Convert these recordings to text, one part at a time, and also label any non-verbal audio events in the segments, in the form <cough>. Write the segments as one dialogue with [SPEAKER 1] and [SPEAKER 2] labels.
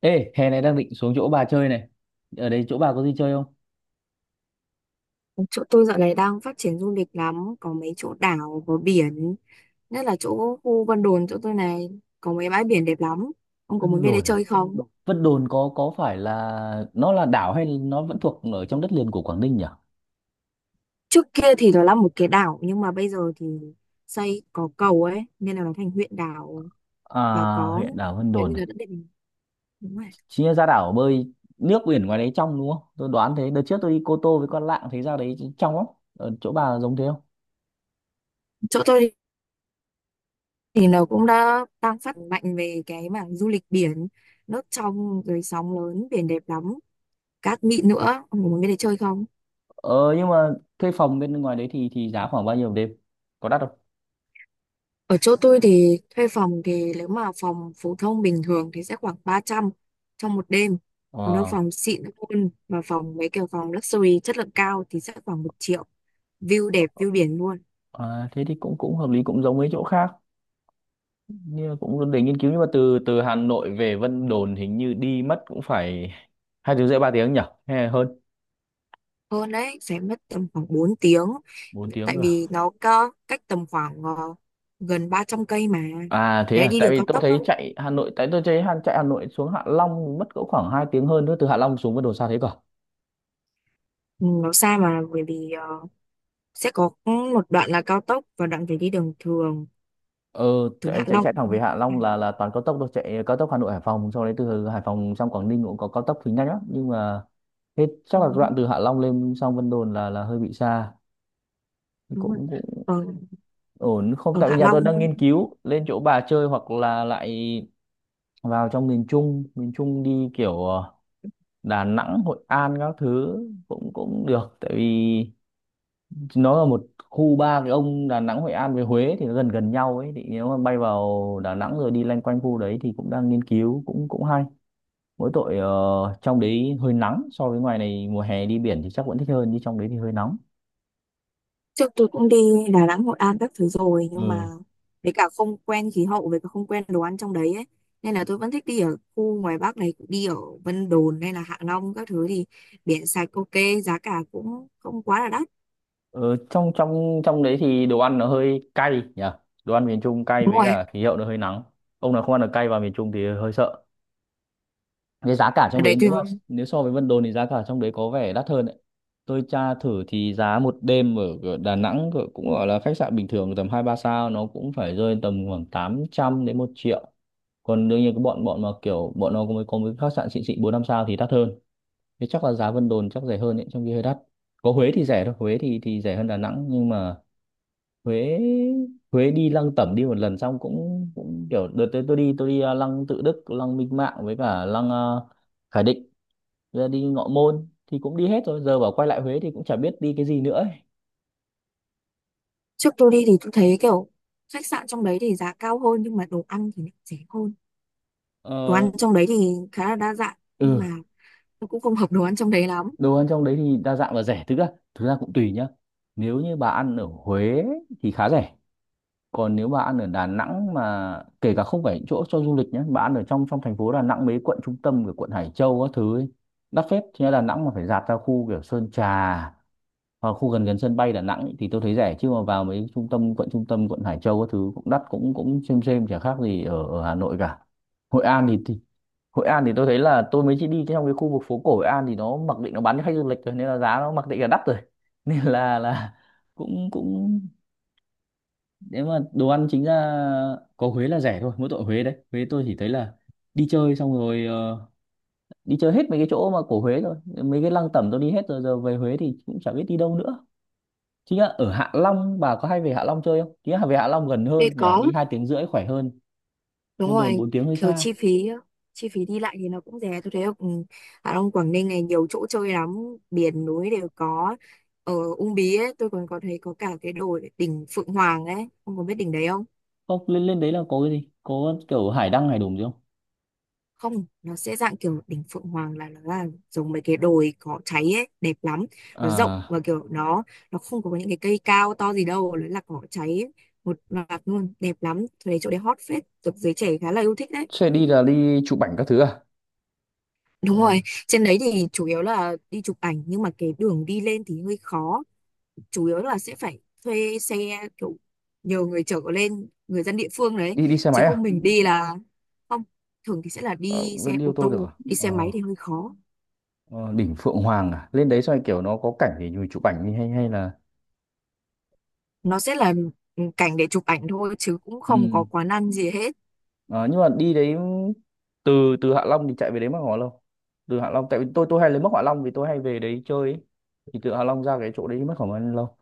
[SPEAKER 1] Ê, hè này đang định xuống chỗ bà chơi này. Ở đây chỗ bà có gì chơi không?
[SPEAKER 2] Chỗ tôi dạo này đang phát triển du lịch lắm, có mấy chỗ đảo có biển, nhất là chỗ khu Vân Đồn. Chỗ tôi này có mấy bãi biển đẹp lắm. Ông có muốn
[SPEAKER 1] Vân
[SPEAKER 2] về đây
[SPEAKER 1] Đồn à?
[SPEAKER 2] chơi không?
[SPEAKER 1] Vân Đồn có phải là nó là đảo hay nó vẫn thuộc ở trong đất liền của Quảng Ninh nhỉ?
[SPEAKER 2] Trước kia thì nó là một cái đảo nhưng mà bây giờ thì xây có cầu ấy nên là nó thành huyện đảo.
[SPEAKER 1] À,
[SPEAKER 2] Và có
[SPEAKER 1] huyện đảo Vân
[SPEAKER 2] kiểu
[SPEAKER 1] Đồn
[SPEAKER 2] như
[SPEAKER 1] à?
[SPEAKER 2] là đã định. Đúng rồi.
[SPEAKER 1] Chính là ra đảo bơi nước biển ngoài đấy trong đúng không? Tôi đoán thế. Đợt trước tôi đi Cô Tô với con Lạng thấy ra đấy trong lắm. Ở chỗ bà giống thế không?
[SPEAKER 2] Chỗ tôi thì nó cũng đã đang phát mạnh về cái mảng du lịch biển, nước trong rồi, sóng lớn, biển đẹp lắm, cát mịn nữa. Ông có muốn về đây chơi không?
[SPEAKER 1] Ờ, nhưng mà thuê phòng bên ngoài đấy thì giá khoảng bao nhiêu một đêm? Có đắt không?
[SPEAKER 2] Ở chỗ tôi thì thuê phòng thì nếu mà phòng phổ thông bình thường thì sẽ khoảng 300 trong một đêm. Còn nếu
[SPEAKER 1] Ờ,
[SPEAKER 2] phòng xịn hơn và phòng mấy kiểu phòng luxury chất lượng cao thì sẽ khoảng 1 triệu. View đẹp, view biển luôn.
[SPEAKER 1] à, thế thì cũng cũng hợp lý, cũng giống mấy chỗ khác. Như cũng để nghiên cứu, nhưng mà từ từ Hà Nội về Vân Đồn hình như đi mất cũng phải 2 tiếng rưỡi 3 tiếng nhỉ, hay là hơn.
[SPEAKER 2] Hơn đấy, sẽ mất tầm khoảng 4 tiếng.
[SPEAKER 1] 4 tiếng
[SPEAKER 2] Tại
[SPEAKER 1] cơ à?
[SPEAKER 2] vì nó có cách tầm khoảng gần 300 cây mà.
[SPEAKER 1] À, thế
[SPEAKER 2] Đấy,
[SPEAKER 1] à,
[SPEAKER 2] đi
[SPEAKER 1] tại
[SPEAKER 2] đường
[SPEAKER 1] vì
[SPEAKER 2] cao
[SPEAKER 1] tôi
[SPEAKER 2] tốc đó.
[SPEAKER 1] thấy chạy Hà Nội, tại tôi thấy chạy Hà Nội xuống Hạ Long mất cỡ khoảng 2 tiếng hơn, nữa từ Hạ Long xuống Vân Đồn xa thế cả.
[SPEAKER 2] Ừ, nó xa mà bởi vì sẽ có một đoạn là cao tốc và đoạn phải đi đường thường,
[SPEAKER 1] ờ
[SPEAKER 2] đường
[SPEAKER 1] chạy,
[SPEAKER 2] Hạ
[SPEAKER 1] chạy
[SPEAKER 2] Long.
[SPEAKER 1] chạy thẳng về Hạ
[SPEAKER 2] À,
[SPEAKER 1] Long là toàn cao tốc thôi, chạy cao tốc Hà Nội Hải Phòng sau đấy từ Hải Phòng sang Quảng Ninh cũng có cao tốc thì nhanh lắm, nhưng mà thế chắc là
[SPEAKER 2] đúng rồi.
[SPEAKER 1] đoạn từ Hạ Long lên sang Vân Đồn là hơi bị xa.
[SPEAKER 2] Đúng rồi.
[SPEAKER 1] Cũng cũng
[SPEAKER 2] Ờ,
[SPEAKER 1] ổn không,
[SPEAKER 2] ở
[SPEAKER 1] tại vì
[SPEAKER 2] Hạ
[SPEAKER 1] nhà tôi
[SPEAKER 2] Long.
[SPEAKER 1] đang nghiên cứu lên chỗ bà chơi hoặc là lại vào trong miền Trung, miền Trung đi kiểu Đà Nẵng Hội An các thứ, cũng cũng được, tại vì nó là một khu ba cái ông Đà Nẵng Hội An với Huế thì nó gần gần nhau ấy, thì nếu mà bay vào Đà Nẵng rồi đi loanh quanh khu đấy thì cũng đang nghiên cứu, cũng cũng hay. Mỗi tội trong đấy hơi nắng so với ngoài này, mùa hè đi biển thì chắc vẫn thích hơn, nhưng trong đấy thì hơi nóng.
[SPEAKER 2] Trước tôi cũng đi Đà Nẵng, Hội An các thứ rồi nhưng mà
[SPEAKER 1] Ừ.
[SPEAKER 2] với cả không quen khí hậu, với cả không quen đồ ăn trong đấy ấy. Nên là tôi vẫn thích đi ở khu ngoài Bắc này, đi ở Vân Đồn hay là Hạ Long các thứ thì biển sạch, ok, giá cả cũng không quá là đắt.
[SPEAKER 1] Ờ, trong trong trong đấy thì đồ ăn nó hơi cay nhỉ, đồ ăn miền Trung cay
[SPEAKER 2] Đúng
[SPEAKER 1] với
[SPEAKER 2] rồi,
[SPEAKER 1] cả khí hậu nó hơi nắng. Ông nào không ăn được cay vào miền Trung thì hơi sợ. Cái giá cả trong
[SPEAKER 2] ở
[SPEAKER 1] đấy
[SPEAKER 2] đấy
[SPEAKER 1] nếu
[SPEAKER 2] tôi
[SPEAKER 1] mà nếu so với Vân Đồn thì giá cả trong đấy có vẻ đắt hơn đấy. Tôi tra thử thì giá một đêm ở ở Đà Nẵng cũng gọi là khách sạn bình thường tầm hai ba sao nó cũng phải rơi tầm khoảng 800 đến 1 triệu. Còn đương nhiên cái bọn bọn mà kiểu bọn nó có mấy khách sạn xịn xịn bốn năm sao thì đắt hơn. Thế chắc là giá Vân Đồn chắc rẻ hơn đấy, trong khi hơi đắt. Có Huế thì rẻ thôi, Huế thì rẻ hơn Đà Nẵng, nhưng mà Huế, Huế đi Lăng Tẩm đi một lần xong cũng cũng kiểu đợt tới tôi đi, Lăng Tự Đức, Lăng Minh Mạng, với cả Lăng Khải Định, rồi đi Ngọ Môn thì cũng đi hết rồi, giờ bảo quay lại Huế thì cũng chả biết đi cái gì nữa ấy.
[SPEAKER 2] trước tôi đi thì tôi thấy kiểu khách sạn trong đấy thì giá cao hơn nhưng mà đồ ăn thì lại rẻ hơn. Đồ
[SPEAKER 1] Ờ,
[SPEAKER 2] ăn trong đấy thì khá là đa dạng nhưng mà
[SPEAKER 1] ừ.
[SPEAKER 2] tôi cũng không hợp đồ ăn trong đấy lắm.
[SPEAKER 1] Đồ ăn trong đấy thì đa dạng và rẻ, thực ra cũng tùy nhá. Nếu như bà ăn ở Huế thì khá rẻ. Còn nếu bà ăn ở Đà Nẵng mà kể cả không phải những chỗ cho du lịch nhé, bà ăn ở trong trong thành phố Đà Nẵng, mấy quận trung tâm của quận Hải Châu các thứ ấy, đắt phết chứ. Đà Nẵng mà phải dạt ra khu kiểu Sơn Trà, Ờ, khu gần gần sân bay Đà Nẵng ý, thì tôi thấy rẻ, chứ mà vào mấy trung tâm, quận trung tâm quận Hải Châu các thứ cũng đắt, cũng cũng xem chả khác gì ở Hà Nội cả. Hội An thì Hội An thì tôi thấy là tôi mới chỉ đi trong cái khu vực phố cổ Hội An, thì nó mặc định nó bán cho khách du lịch rồi, nên là giá nó mặc định là đắt rồi <laughs> nên là cũng cũng nếu mà đồ ăn chính ra có Huế là rẻ thôi, mỗi tội Huế đấy, Huế tôi chỉ thấy là đi chơi xong rồi đi chơi hết mấy cái chỗ mà cổ Huế rồi mấy cái lăng tẩm tôi đi hết rồi, giờ về Huế thì cũng chả biết đi đâu nữa. Chính là ở Hạ Long, bà có hay về Hạ Long chơi không? Chính là về Hạ Long gần
[SPEAKER 2] Thế
[SPEAKER 1] hơn nhỉ,
[SPEAKER 2] có.
[SPEAKER 1] đi 2 tiếng rưỡi khỏe hơn,
[SPEAKER 2] Đúng
[SPEAKER 1] Vân
[SPEAKER 2] rồi
[SPEAKER 1] Đồn
[SPEAKER 2] anh,
[SPEAKER 1] 4 tiếng hơi
[SPEAKER 2] kiểu
[SPEAKER 1] xa.
[SPEAKER 2] chi phí đi lại thì nó cũng rẻ. Tôi thấy ở trong Quảng Ninh này nhiều chỗ chơi lắm, biển núi đều có. Ở Uông Bí ấy tôi còn có thấy có cả cái đồi đỉnh Phượng Hoàng ấy. Ông có biết đỉnh đấy không?
[SPEAKER 1] Không, lên lên đấy là có cái gì, có kiểu hải đăng hải đùng gì không?
[SPEAKER 2] Không, nó sẽ dạng kiểu đỉnh Phượng Hoàng là nó là giống mấy cái đồi có cháy ấy, đẹp lắm. Nó rộng
[SPEAKER 1] À,
[SPEAKER 2] và kiểu nó không có những cái cây cao to gì đâu, nó là cỏ cháy ấy. Một loạt luôn, đẹp lắm. Tôi thấy chỗ đấy hot phết, được giới trẻ khá là yêu thích đấy.
[SPEAKER 1] xe đi là đi chụp ảnh các thứ à?
[SPEAKER 2] Đúng
[SPEAKER 1] Ờ,
[SPEAKER 2] rồi, trên đấy thì chủ yếu là đi chụp ảnh nhưng mà cái đường đi lên thì hơi khó. Chủ yếu là sẽ phải thuê xe, kiểu nhờ người chở lên, người dân địa phương đấy,
[SPEAKER 1] đi đi xe
[SPEAKER 2] chứ
[SPEAKER 1] máy
[SPEAKER 2] không. Ừ.
[SPEAKER 1] à?
[SPEAKER 2] Mình đi là không, thường thì sẽ là
[SPEAKER 1] Ờ,
[SPEAKER 2] đi xe
[SPEAKER 1] vẫn đi ô
[SPEAKER 2] ô
[SPEAKER 1] tô được
[SPEAKER 2] tô,
[SPEAKER 1] à?
[SPEAKER 2] đi xe máy
[SPEAKER 1] Ờ,
[SPEAKER 2] thì hơi khó.
[SPEAKER 1] ờ, đỉnh Phượng Hoàng à? Lên đấy xong rồi kiểu nó có cảnh thì mình chụp ảnh đi, hay hay là
[SPEAKER 2] Nó sẽ là cảnh để chụp ảnh thôi chứ cũng
[SPEAKER 1] ừ.
[SPEAKER 2] không có quán ăn gì hết.
[SPEAKER 1] Ờ, nhưng mà đi đấy từ từ Hạ Long thì chạy về đấy mất khoảng bao lâu? Từ Hạ Long, tại vì tôi hay lấy mất Hạ Long vì tôi hay về đấy chơi ấy. Thì từ Hạ Long ra cái chỗ đấy mất khoảng bao lâu?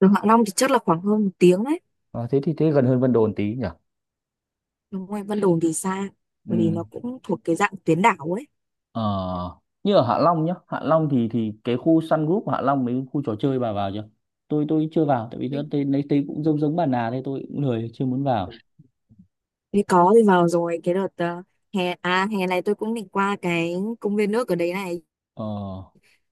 [SPEAKER 2] Từ Hạ Long thì chắc là khoảng hơn một tiếng đấy.
[SPEAKER 1] Ờ, thế thì thế gần hơn Vân Đồn tí nhỉ?
[SPEAKER 2] Đúng rồi, Vân Đồn thì xa, bởi vì
[SPEAKER 1] Ừ.
[SPEAKER 2] nó cũng thuộc cái dạng tuyến đảo
[SPEAKER 1] Ờ, như ở Hạ Long nhá, Hạ Long thì cái khu Sun Group Hạ Long mấy khu trò chơi bà vào chưa? Tôi chưa vào tại vì nó
[SPEAKER 2] ấy.
[SPEAKER 1] tên, lấy tên cũng giống giống bà Nà thế tôi cũng lười chưa muốn vào.
[SPEAKER 2] Thì có thì vào rồi. Cái đợt hè à hè này tôi cũng định qua cái công viên nước ở đấy này,
[SPEAKER 1] Ờ,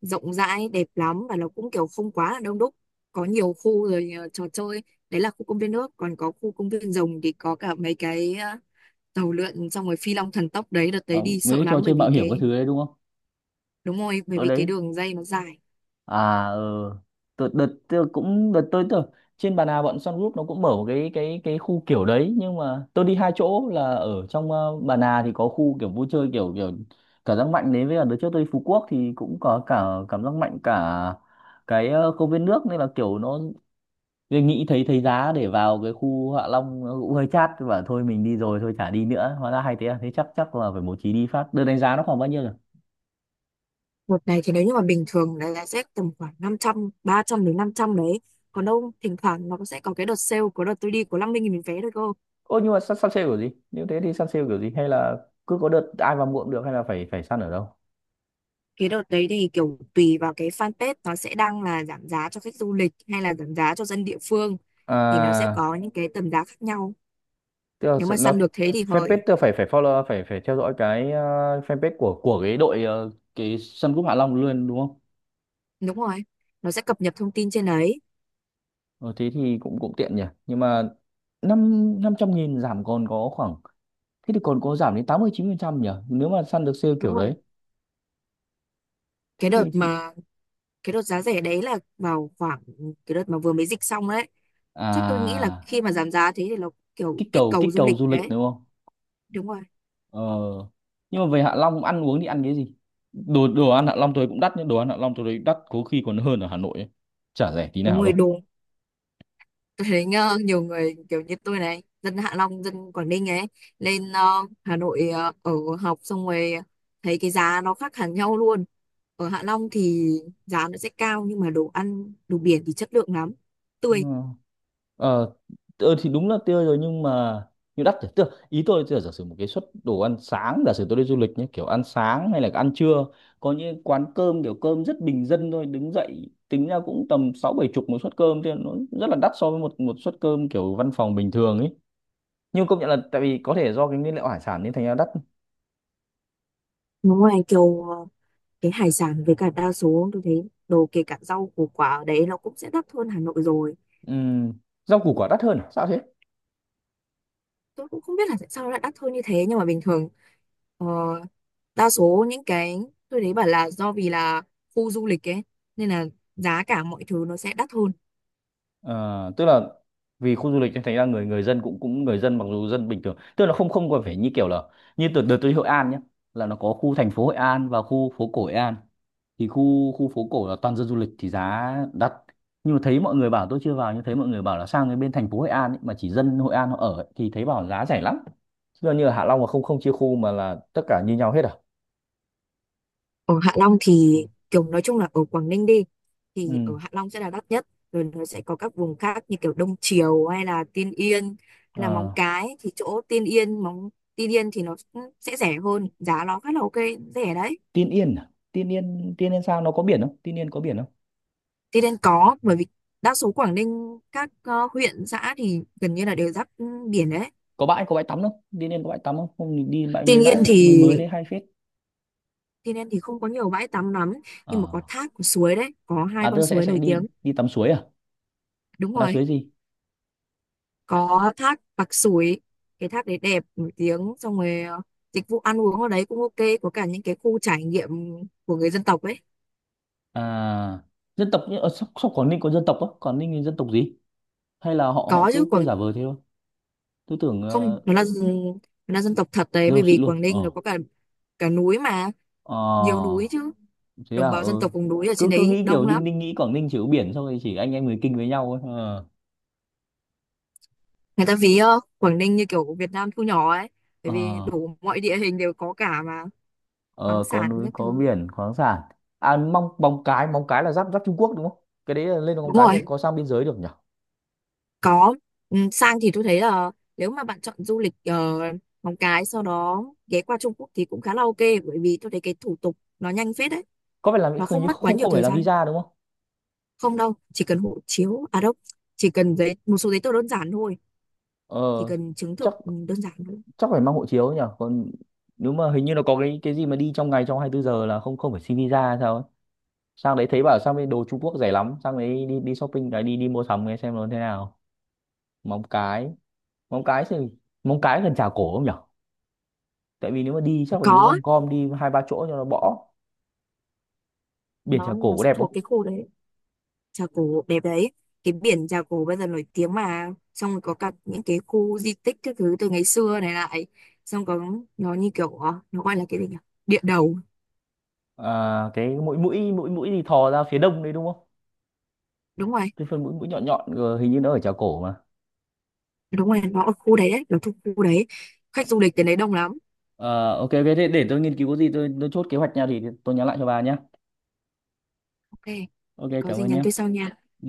[SPEAKER 2] rộng rãi đẹp lắm và nó cũng kiểu không quá là đông đúc, có nhiều khu rồi trò chơi. Đấy là khu công viên nước, còn có khu công viên rồng thì có cả mấy cái tàu lượn, xong rồi phi long thần tốc. Đấy, đợt đấy
[SPEAKER 1] ờ,
[SPEAKER 2] đi sợ
[SPEAKER 1] mấy cái trò
[SPEAKER 2] lắm bởi
[SPEAKER 1] chơi
[SPEAKER 2] vì
[SPEAKER 1] mạo hiểm các
[SPEAKER 2] cái.
[SPEAKER 1] thứ đấy đúng không?
[SPEAKER 2] Đúng rồi, bởi
[SPEAKER 1] Ở
[SPEAKER 2] vì cái
[SPEAKER 1] đấy,
[SPEAKER 2] đường dây nó dài.
[SPEAKER 1] à ừ. Đợt tôi trên Bà Nà, bọn Sun Group nó cũng mở một cái khu kiểu đấy, nhưng mà tôi đi hai chỗ là ở trong Bà Nà thì có khu kiểu vui chơi kiểu kiểu cảm giác mạnh đấy, với cả đợt trước tôi đi Phú Quốc thì cũng có cả cảm giác mạnh, cả cái công viên nước, nên là kiểu nó tôi nghĩ thấy thấy giá để vào cái khu Hạ Long nó cũng hơi chát và thôi mình đi rồi thôi chả đi nữa. Hóa ra hay thế à, thế chắc chắc là phải bố trí đi phát. Đợt đánh giá nó khoảng bao nhiêu?
[SPEAKER 2] Đợt này thì nếu như mà bình thường là sẽ tầm khoảng 500, 300 đến 500 đấy. Còn đâu thỉnh thoảng nó sẽ có cái đợt sale, của đợt tôi đi có 50.000 vé thôi cơ.
[SPEAKER 1] Ô, nhưng mà săn sale kiểu gì? Nếu thế thì săn sale kiểu gì? Hay là cứ có đợt ai vào mua cũng được, hay là phải phải săn ở đâu?
[SPEAKER 2] Cái đợt đấy thì kiểu tùy vào cái fanpage, nó sẽ đăng là giảm giá cho khách du lịch hay là giảm giá cho dân địa phương, thì nó sẽ
[SPEAKER 1] À,
[SPEAKER 2] có những cái tầm giá khác nhau.
[SPEAKER 1] tức là
[SPEAKER 2] Nếu mà
[SPEAKER 1] nó
[SPEAKER 2] săn được thế thì
[SPEAKER 1] fanpage,
[SPEAKER 2] hời.
[SPEAKER 1] tức là phải phải follow, phải phải theo dõi cái fanpage của cái đội, cái sân cúp Hạ Long luôn đúng không?
[SPEAKER 2] Đúng rồi, nó sẽ cập nhật thông tin trên đấy.
[SPEAKER 1] Ờ, thế thì cũng cũng tiện nhỉ. Nhưng mà năm 500.000 giảm còn có khoảng, thế thì còn có giảm đến 89% nhỉ? Nếu mà săn được sale
[SPEAKER 2] Đúng
[SPEAKER 1] kiểu
[SPEAKER 2] rồi,
[SPEAKER 1] đấy.
[SPEAKER 2] cái
[SPEAKER 1] Thế
[SPEAKER 2] đợt
[SPEAKER 1] thì...
[SPEAKER 2] mà cái đợt giá rẻ đấy là vào khoảng cái đợt mà vừa mới dịch xong đấy. Chắc tôi nghĩ là
[SPEAKER 1] À,
[SPEAKER 2] khi mà giảm giá thế thì nó kiểu kích cầu
[SPEAKER 1] kích
[SPEAKER 2] du
[SPEAKER 1] cầu
[SPEAKER 2] lịch
[SPEAKER 1] du lịch
[SPEAKER 2] đấy.
[SPEAKER 1] đúng không?
[SPEAKER 2] Đúng rồi.
[SPEAKER 1] Ờ. Nhưng mà về Hạ Long ăn uống thì ăn cái gì? Đồ đồ ăn Hạ Long tôi cũng đắt, nhưng đồ ăn Hạ Long tôi thấy đắt có khi còn hơn ở Hà Nội ấy. Chả rẻ tí
[SPEAKER 2] Đúng
[SPEAKER 1] nào
[SPEAKER 2] rồi.
[SPEAKER 1] đâu.
[SPEAKER 2] Tôi thấy nhiều người kiểu như tôi này, dân Hạ Long, dân Quảng Ninh ấy, lên Hà Nội ở học xong rồi thấy cái giá nó khác hẳn nhau luôn. Ở Hạ Long thì giá nó sẽ cao nhưng mà đồ ăn, đồ biển thì chất lượng lắm, tươi.
[SPEAKER 1] Nhưng ờ ờ, thì đúng là tươi rồi nhưng mà nhưng đắt rồi. Tức là ý tôi là giả sử một cái suất đồ ăn sáng, giả sử tôi đi du lịch nhé, kiểu ăn sáng hay là ăn trưa, có những quán cơm kiểu cơm rất bình dân thôi, đứng dậy tính ra cũng tầm sáu bảy chục một suất cơm thì nó rất là đắt so với một một suất cơm kiểu văn phòng bình thường ấy, nhưng công nhận là tại vì có thể do cái nguyên liệu hải sản nên thành ra đắt.
[SPEAKER 2] Nó ngoài kiểu cái hải sản với cả đa số tôi thấy đồ kể cả rau củ quả ở đấy nó cũng sẽ đắt hơn Hà Nội rồi.
[SPEAKER 1] Ừm, rau củ quả đắt hơn à? Sao thế?
[SPEAKER 2] Tôi cũng không biết là tại sao nó lại đắt hơn như thế nhưng mà bình thường ờ, đa số những cái tôi thấy bảo là do vì là khu du lịch ấy nên là giá cả mọi thứ nó sẽ đắt hơn.
[SPEAKER 1] Ờ, tức là vì khu du lịch nên thành ra người người dân cũng cũng người dân, mặc dù dân bình thường, tức là không không còn phải như kiểu là như từ đợt tôi đi Hội An nhé, là nó có khu thành phố Hội An và khu phố cổ Hội An, thì khu khu phố cổ là toàn dân du lịch thì giá đắt, nhưng mà thấy mọi người bảo, tôi chưa vào, nhưng thấy mọi người bảo là sang cái bên thành phố Hội An ấy, mà chỉ dân Hội An họ ở ấy, thì thấy bảo giá rẻ lắm, chứ như ở Hạ Long mà không không chia khu mà là tất cả như nhau hết à.
[SPEAKER 2] Ở Hạ Long
[SPEAKER 1] Ừ.
[SPEAKER 2] thì kiểu nói chung là ở Quảng Ninh đi
[SPEAKER 1] Ừ.
[SPEAKER 2] thì ở Hạ Long sẽ là đắt nhất rồi. Nó sẽ có các vùng khác như kiểu Đông Triều hay là Tiên Yên hay là Móng
[SPEAKER 1] Ờ.
[SPEAKER 2] Cái thì chỗ Tiên Yên Tiên Yên thì nó cũng sẽ rẻ hơn, giá nó khá là ok, rẻ đấy.
[SPEAKER 1] Tiên Yên à? Tiên Yên sao nó có biển không, Tiên Yên có biển không?
[SPEAKER 2] Tây Đen có, bởi vì đa số Quảng Ninh các huyện xã thì gần như là đều giáp biển đấy.
[SPEAKER 1] Có bãi tắm không, Tiên Yên có bãi tắm không không mình đi bãi,
[SPEAKER 2] Tuy
[SPEAKER 1] mấy
[SPEAKER 2] nhiên
[SPEAKER 1] bãi
[SPEAKER 2] thì
[SPEAKER 1] mới mới đấy hay phết.
[SPEAKER 2] Tây Đen thì không có nhiều bãi tắm lắm nhưng mà có
[SPEAKER 1] Ờ.
[SPEAKER 2] thác có suối đấy, có hai
[SPEAKER 1] À,
[SPEAKER 2] con
[SPEAKER 1] tôi sẽ
[SPEAKER 2] suối
[SPEAKER 1] sẽ
[SPEAKER 2] nổi tiếng.
[SPEAKER 1] đi đi tắm suối à,
[SPEAKER 2] Đúng
[SPEAKER 1] là
[SPEAKER 2] rồi,
[SPEAKER 1] suối gì?
[SPEAKER 2] có thác Pạc Súi, cái thác đấy đẹp nổi tiếng. Xong rồi dịch vụ ăn uống ở đấy cũng ok, có cả những cái khu trải nghiệm của người dân tộc ấy.
[SPEAKER 1] À, dân tộc ở sóc sóc Quảng Ninh có dân tộc á? Quảng Ninh thì dân tộc gì, hay là họ họ
[SPEAKER 2] Có chứ.
[SPEAKER 1] cứ cứ giả vờ thế thôi? Tôi tưởng
[SPEAKER 2] Không, nó là dân tộc thật đấy
[SPEAKER 1] dân
[SPEAKER 2] bởi
[SPEAKER 1] tộc
[SPEAKER 2] vì
[SPEAKER 1] xịn luôn.
[SPEAKER 2] Quảng Ninh nó
[SPEAKER 1] Ờ
[SPEAKER 2] có cả cả núi mà, nhiều
[SPEAKER 1] ờ,
[SPEAKER 2] núi chứ.
[SPEAKER 1] thế à,
[SPEAKER 2] Đồng bào dân
[SPEAKER 1] ừ.
[SPEAKER 2] tộc vùng núi ở trên
[SPEAKER 1] Cứ cứ
[SPEAKER 2] đấy
[SPEAKER 1] nghĩ
[SPEAKER 2] đông
[SPEAKER 1] kiểu Đinh
[SPEAKER 2] lắm.
[SPEAKER 1] Đinh nghĩ Quảng Ninh chỉ có biển xong rồi chỉ anh em người Kinh với nhau thôi. Ờ
[SPEAKER 2] Người ta ví Quảng Ninh như kiểu Việt Nam thu nhỏ ấy bởi vì
[SPEAKER 1] Ờ.
[SPEAKER 2] đủ mọi địa hình đều có cả mà.
[SPEAKER 1] Ờ,
[SPEAKER 2] Khoáng
[SPEAKER 1] có
[SPEAKER 2] sản
[SPEAKER 1] núi
[SPEAKER 2] các
[SPEAKER 1] có
[SPEAKER 2] thứ.
[SPEAKER 1] biển, khoáng sản. À, Móng Cái, Móng Cái là giáp giáp Trung Quốc đúng không? Cái đấy là lên Móng
[SPEAKER 2] Đúng
[SPEAKER 1] Cái
[SPEAKER 2] rồi,
[SPEAKER 1] cho có sang biên giới được nhỉ?
[SPEAKER 2] có. Sang thì tôi thấy là nếu mà bạn chọn du lịch ở Móng Cái sau đó ghé qua Trung Quốc thì cũng khá là ok, bởi vì tôi thấy cái thủ tục nó nhanh phết đấy.
[SPEAKER 1] Có phải làm,
[SPEAKER 2] Nó
[SPEAKER 1] hình
[SPEAKER 2] không
[SPEAKER 1] như
[SPEAKER 2] mất quá
[SPEAKER 1] không,
[SPEAKER 2] nhiều
[SPEAKER 1] không phải
[SPEAKER 2] thời
[SPEAKER 1] làm
[SPEAKER 2] gian.
[SPEAKER 1] visa đúng không?
[SPEAKER 2] Không đâu, chỉ cần hộ chiếu. À đâu, chỉ cần một số giấy tờ đơn giản thôi. Chỉ
[SPEAKER 1] ờ
[SPEAKER 2] cần chứng
[SPEAKER 1] chắc
[SPEAKER 2] thực đơn giản thôi.
[SPEAKER 1] chắc phải mang hộ chiếu nhỉ. Còn nếu mà hình như nó có cái gì mà đi trong ngày, trong 24 giờ là không, không phải xin visa hay sao ấy. Sang đấy thấy bảo sang bên đồ Trung Quốc rẻ lắm, sang đấy đi đi shopping đấy, đi đi mua sắm nghe xem nó thế nào. Móng Cái, Móng Cái thì Móng Cái gần Trà Cổ không nhỉ? Tại vì nếu mà đi chắc phải đi
[SPEAKER 2] Có,
[SPEAKER 1] gom gom đi hai ba chỗ cho nó bỏ. Biển Trà
[SPEAKER 2] nó
[SPEAKER 1] Cổ
[SPEAKER 2] nó
[SPEAKER 1] có
[SPEAKER 2] sẽ
[SPEAKER 1] đẹp
[SPEAKER 2] thuộc
[SPEAKER 1] không?
[SPEAKER 2] cái khu đấy. Trà Cổ đẹp đấy. Cái biển Trà Cổ bây giờ nổi tiếng mà, xong rồi có cả những cái khu di tích các thứ từ ngày xưa này lại. Xong có nó như kiểu nó gọi là cái gì nhỉ, địa đầu.
[SPEAKER 1] À, cái mũi mũi mũi mũi thì thò ra phía đông đấy đúng không?
[SPEAKER 2] Đúng rồi.
[SPEAKER 1] Cái phần mũi mũi nhọn nhọn hình như nó ở chảo cổ mà.
[SPEAKER 2] Đúng rồi, nó ở khu đấy đấy, nó thuộc khu đấy. Khách du lịch đến đấy đông lắm.
[SPEAKER 1] Ờ, ok, ok, thế để tôi nghiên cứu có gì tôi, chốt kế hoạch nha, thì tôi nhắn lại cho bà nhé.
[SPEAKER 2] Ok,
[SPEAKER 1] Ok,
[SPEAKER 2] vậy có
[SPEAKER 1] cảm
[SPEAKER 2] gì
[SPEAKER 1] ơn
[SPEAKER 2] nhắn
[SPEAKER 1] nhé.
[SPEAKER 2] tôi sau nha.
[SPEAKER 1] Ừ.